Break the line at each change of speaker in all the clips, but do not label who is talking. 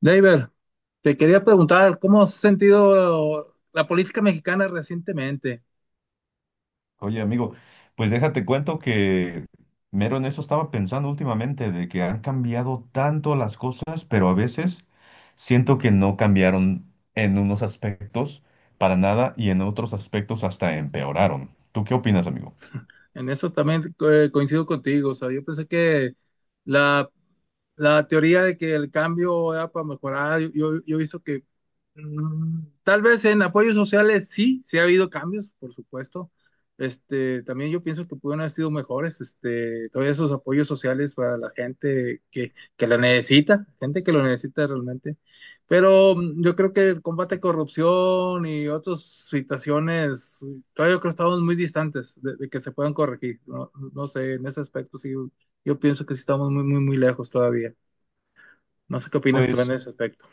David, te quería preguntar, ¿cómo has sentido la política mexicana recientemente?
Oye, amigo, pues déjate cuento que mero en eso estaba pensando últimamente, de que han cambiado tanto las cosas, pero a veces siento que no cambiaron en unos aspectos para nada y en otros aspectos hasta empeoraron. ¿Tú qué opinas, amigo?
En eso también coincido contigo. O sea, yo pensé que la la teoría de que el cambio era para mejorar, yo he visto que tal vez en apoyos sociales sí, sí ha habido cambios, por supuesto. Este, también yo pienso que pudieron haber sido mejores, este, todos esos apoyos sociales para la gente que la necesita, gente que lo necesita realmente. Pero yo creo que el combate a corrupción y otras situaciones, todavía yo creo que estamos muy distantes de que se puedan corregir. No, no sé, en ese aspecto sí, yo pienso que sí estamos muy, muy, muy lejos todavía. No sé qué opinas tú en
Pues
ese aspecto.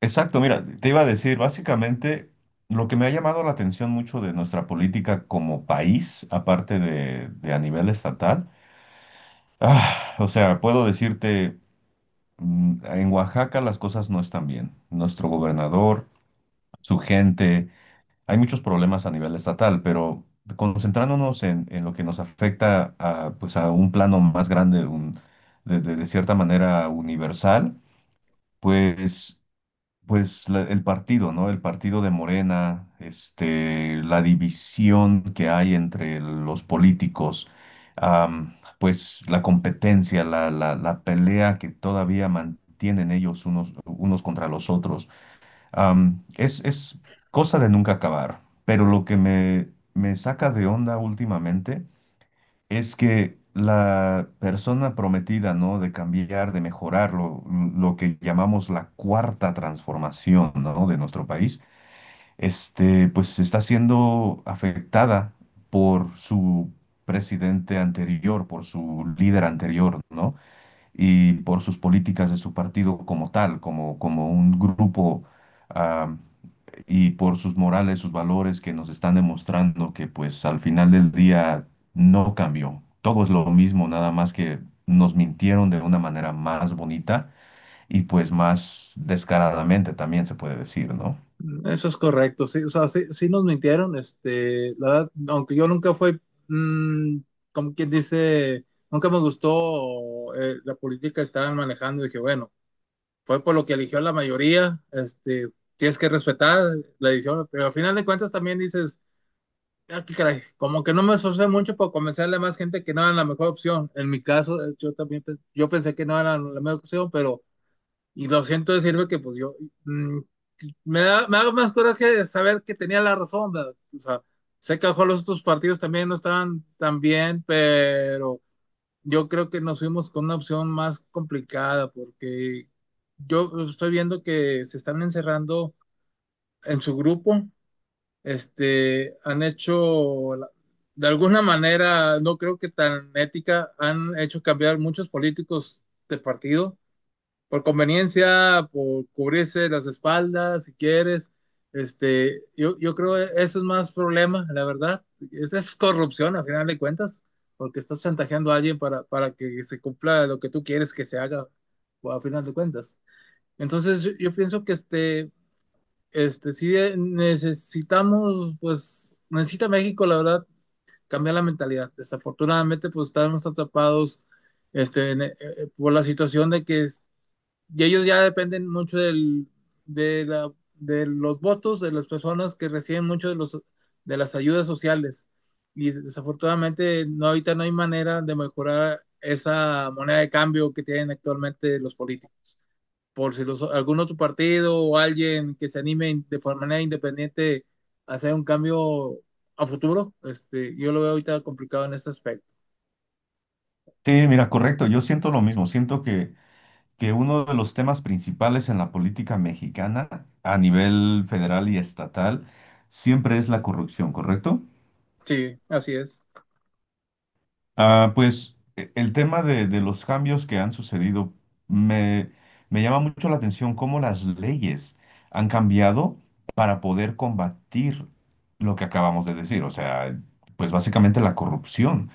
exacto, mira, te iba a decir, básicamente lo que me ha llamado la atención mucho de nuestra política como país, aparte de a nivel estatal, o sea, puedo decirte... En Oaxaca las cosas no están bien. Nuestro gobernador, su gente, hay muchos problemas a nivel estatal, pero concentrándonos en lo que nos afecta a, pues a un plano más grande, de cierta manera universal, pues pues el partido, ¿no? El partido de Morena, este, la división que hay entre los políticos, pues la competencia, la pelea que todavía mantienen ellos unos, unos contra los otros, es cosa de nunca acabar. Pero lo que me saca de onda últimamente es que la persona prometida, ¿no? De cambiar, de mejorar lo que llamamos la cuarta transformación, ¿no? De nuestro país, este, pues está siendo afectada por su presidente anterior, por su líder anterior, ¿no? Y por sus políticas de su partido como tal, como, como un grupo y por sus morales, sus valores que nos están demostrando que pues al final del día no cambió. Todo es lo mismo, nada más que nos mintieron de una manera más bonita y pues más descaradamente también se puede decir, ¿no?
Eso es correcto, sí, o sea, sí, sí nos mintieron, este, la verdad, aunque yo nunca fui, mm, como quien dice, nunca me gustó la política que estaban manejando, dije, bueno, fue por lo que eligió la mayoría, este, tienes que respetar la decisión, pero al final de cuentas también dices, ah, qué caray, como que no me esforcé mucho por convencerle a más gente que no era la mejor opción, en mi caso, yo también, yo pensé que no era la mejor opción, pero, y lo siento decirme que pues yo, mm, me da, me da más coraje de saber que tenía la razón, ¿verdad? O sea, sé que a lo mejor los otros partidos también no estaban tan bien, pero yo creo que nos fuimos con una opción más complicada porque yo estoy viendo que se están encerrando en su grupo, este, han hecho, de alguna manera, no creo que tan ética, han hecho cambiar muchos políticos de partido por conveniencia, por cubrirse las espaldas, si quieres. Este, yo creo que eso es más problema, la verdad. Esa es corrupción, al final de cuentas, porque estás chantajeando a alguien para que se cumpla lo que tú quieres que se haga, o a final de cuentas. Entonces, yo pienso que este, sí necesitamos, pues, necesita México, la verdad, cambiar la mentalidad. Desafortunadamente, pues, estamos atrapados este, por la situación de que y ellos ya dependen mucho de los votos de las personas que reciben mucho de las ayudas sociales. Y desafortunadamente no, ahorita no hay manera de mejorar esa moneda de cambio que tienen actualmente los políticos. Por si los, algún otro partido o alguien que se anime de manera independiente a hacer un cambio a futuro, este, yo lo veo ahorita complicado en ese aspecto.
Sí, mira, correcto, yo siento lo mismo, siento que uno de los temas principales en la política mexicana a nivel federal y estatal siempre es la corrupción, ¿correcto?
Sí, así es.
Pues el tema de los cambios que han sucedido me, me llama mucho la atención cómo las leyes han cambiado para poder combatir lo que acabamos de decir, o sea, pues básicamente la corrupción.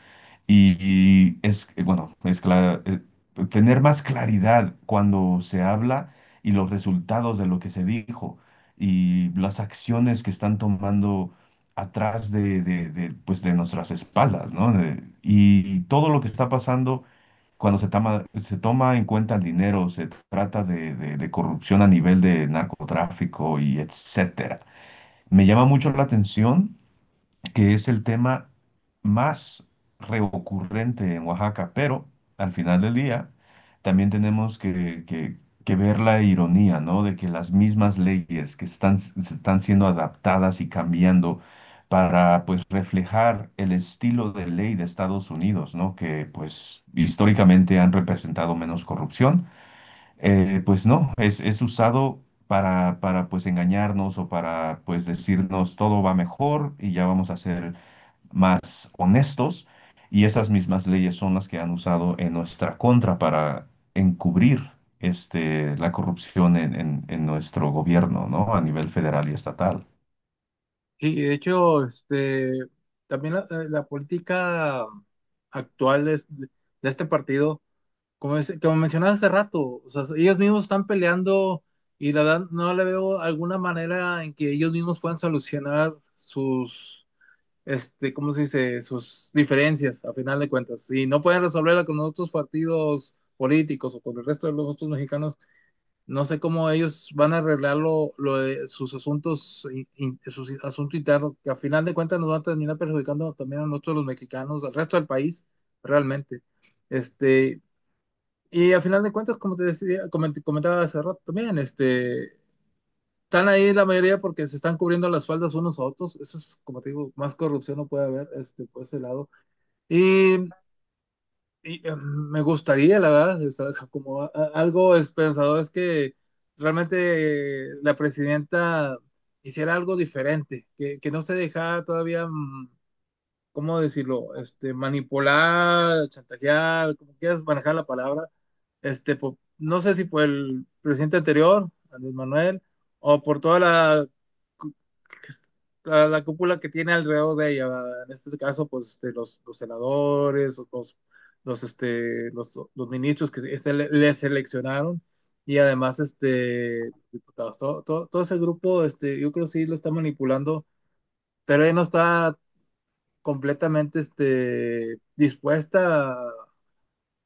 Y es, bueno, es tener más claridad cuando se habla y los resultados de lo que se dijo y las acciones que están tomando atrás de, pues de nuestras espaldas, ¿no? De- y todo lo que está pasando cuando se toma en cuenta el dinero, se trata de corrupción a nivel de narcotráfico y etcétera. Me llama mucho la atención que es el tema más recurrente en Oaxaca, pero al final del día también tenemos que ver la ironía, ¿no? De que las mismas leyes que están, se están siendo adaptadas y cambiando para, pues, reflejar el estilo de ley de Estados Unidos, ¿no? Que, pues, históricamente han representado menos corrupción, pues no, es usado pues, engañarnos o para, pues, decirnos todo va mejor y ya vamos a hacer más honestos y esas mismas leyes son las que han usado en nuestra contra para encubrir este, la corrupción en nuestro gobierno, ¿no? A nivel federal y estatal.
Sí, de hecho, este, también la política actual de este partido, como, como mencionabas hace rato, o sea, ellos mismos están peleando y la verdad no le veo alguna manera en que ellos mismos puedan solucionar sus, este, ¿cómo se dice? Sus diferencias, a final de cuentas. Y no pueden resolverla con otros partidos políticos o con el resto de los otros mexicanos no sé cómo ellos van a arreglar lo de sus asuntos, sus asuntos internos, que a final de cuentas nos van a terminar perjudicando también a nosotros los mexicanos, al resto del país, realmente. Este, y a final de cuentas, como te decía, comentaba hace rato también, este, están ahí la mayoría porque se están cubriendo las faldas unos a otros. Eso es, como te digo, más corrupción no puede haber, este, por ese lado. Y y, me gustaría, la verdad, o sea, como algo esperanzador es que realmente la presidenta hiciera algo diferente, que no se dejara todavía, ¿cómo decirlo? Este, manipular, chantajear, como quieras manejar la palabra. Este, no sé si por el presidente anterior, Andrés Manuel, o por toda la, la cúpula que tiene alrededor de ella, ¿verdad? En este caso, pues este, los senadores, los ministros que le seleccionaron y además este, diputados, todo, todo, todo ese grupo, este, yo creo que sí lo está manipulando, pero ella no está completamente este, dispuesta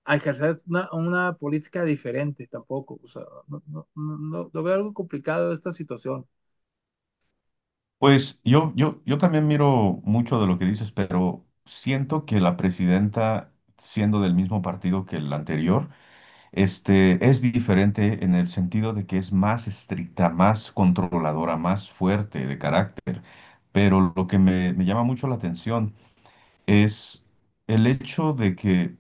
a ejercer una política diferente tampoco. O sea, no, no, no, lo veo algo complicado esta situación.
Pues yo también miro mucho de lo que dices, pero siento que la presidenta, siendo del mismo partido que el anterior, este, es diferente en el sentido de que es más estricta, más controladora, más fuerte de carácter. Pero lo que me llama mucho la atención es el hecho de que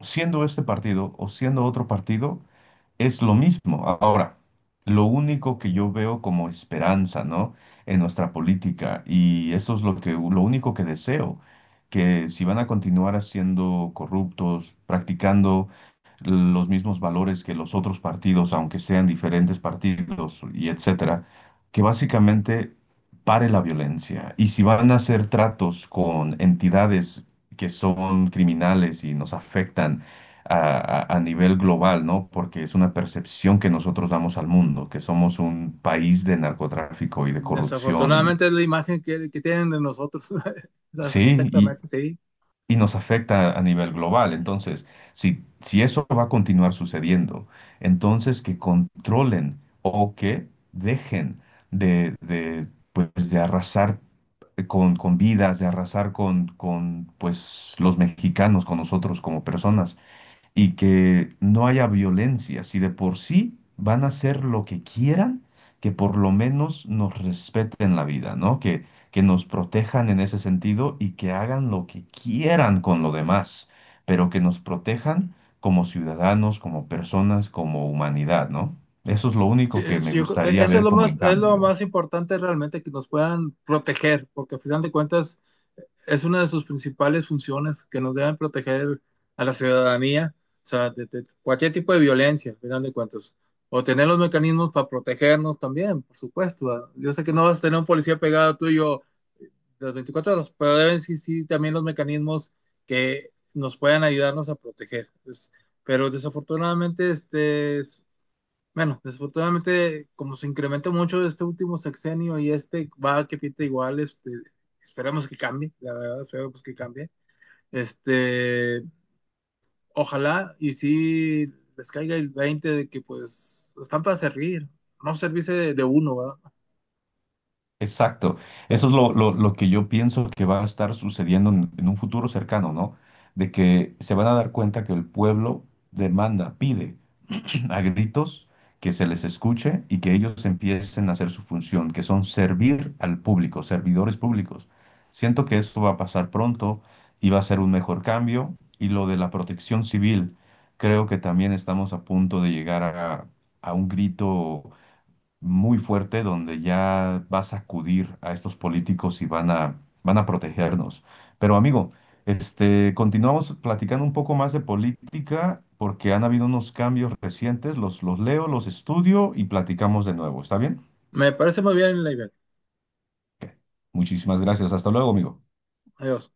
siendo este partido o siendo otro partido, es lo mismo. Ahora, lo único que yo veo como esperanza, ¿no? En nuestra política, y eso es lo que, lo único que deseo, que si van a continuar haciendo corruptos, practicando los mismos valores que los otros partidos, aunque sean diferentes partidos y etcétera, que básicamente pare la violencia. Y si van a hacer tratos con entidades que son criminales y nos afectan, a nivel global, ¿no? Porque es una percepción que nosotros damos al mundo, que somos un país de narcotráfico y de corrupción y
Desafortunadamente es la imagen que tienen de nosotros.
sí,
Exactamente, sí.
y nos afecta a nivel global. Entonces, si, si eso va a continuar sucediendo, entonces que controlen o que dejen de, de, pues, de arrasar con vidas, de arrasar con pues, los mexicanos, con nosotros como personas y que no haya violencia. Si de por sí van a hacer lo que quieran, que por lo menos nos respeten la vida, ¿no? Que nos protejan en ese sentido y que hagan lo que quieran con lo demás, pero que nos protejan como ciudadanos, como personas, como humanidad, ¿no? Eso es lo
Sí,
único que me
yo creo,
gustaría
eso
ver como en
es lo
cambio.
más importante realmente que nos puedan proteger, porque al final de cuentas es una de sus principales funciones que nos deben proteger a la ciudadanía, o sea, de cualquier tipo de violencia, al final de cuentas, o tener los mecanismos para protegernos también, por supuesto, ¿verdad? Yo sé que no vas a tener un policía pegado tuyo las 24 horas, pero deben sí, sí, también los mecanismos que nos puedan ayudarnos a proteger, pues. Pero desafortunadamente, este, bueno, desafortunadamente, como se incrementó mucho este último sexenio y este va que pinta igual, este, esperemos que cambie, la verdad, esperemos que cambie. Este, ojalá y si les caiga el 20 de que pues están para servir, no servirse de uno, ¿verdad?
Exacto. Eso es lo que yo pienso que va a estar sucediendo en un futuro cercano, ¿no? De que se van a dar cuenta que el pueblo demanda, pide a gritos que se les escuche y que ellos empiecen a hacer su función, que son servir al público, servidores públicos. Siento que eso va a pasar pronto y va a ser un mejor cambio. Y lo de la protección civil, creo que también estamos a punto de llegar a un grito muy fuerte donde ya va a sacudir a estos políticos y van a, van a protegernos. Pero amigo, este, continuamos platicando un poco más de política porque han habido unos cambios recientes, los leo, los estudio y platicamos de nuevo. ¿Está bien?
Me parece muy bien la idea.
Ok. Muchísimas gracias. Hasta luego, amigo.
Adiós.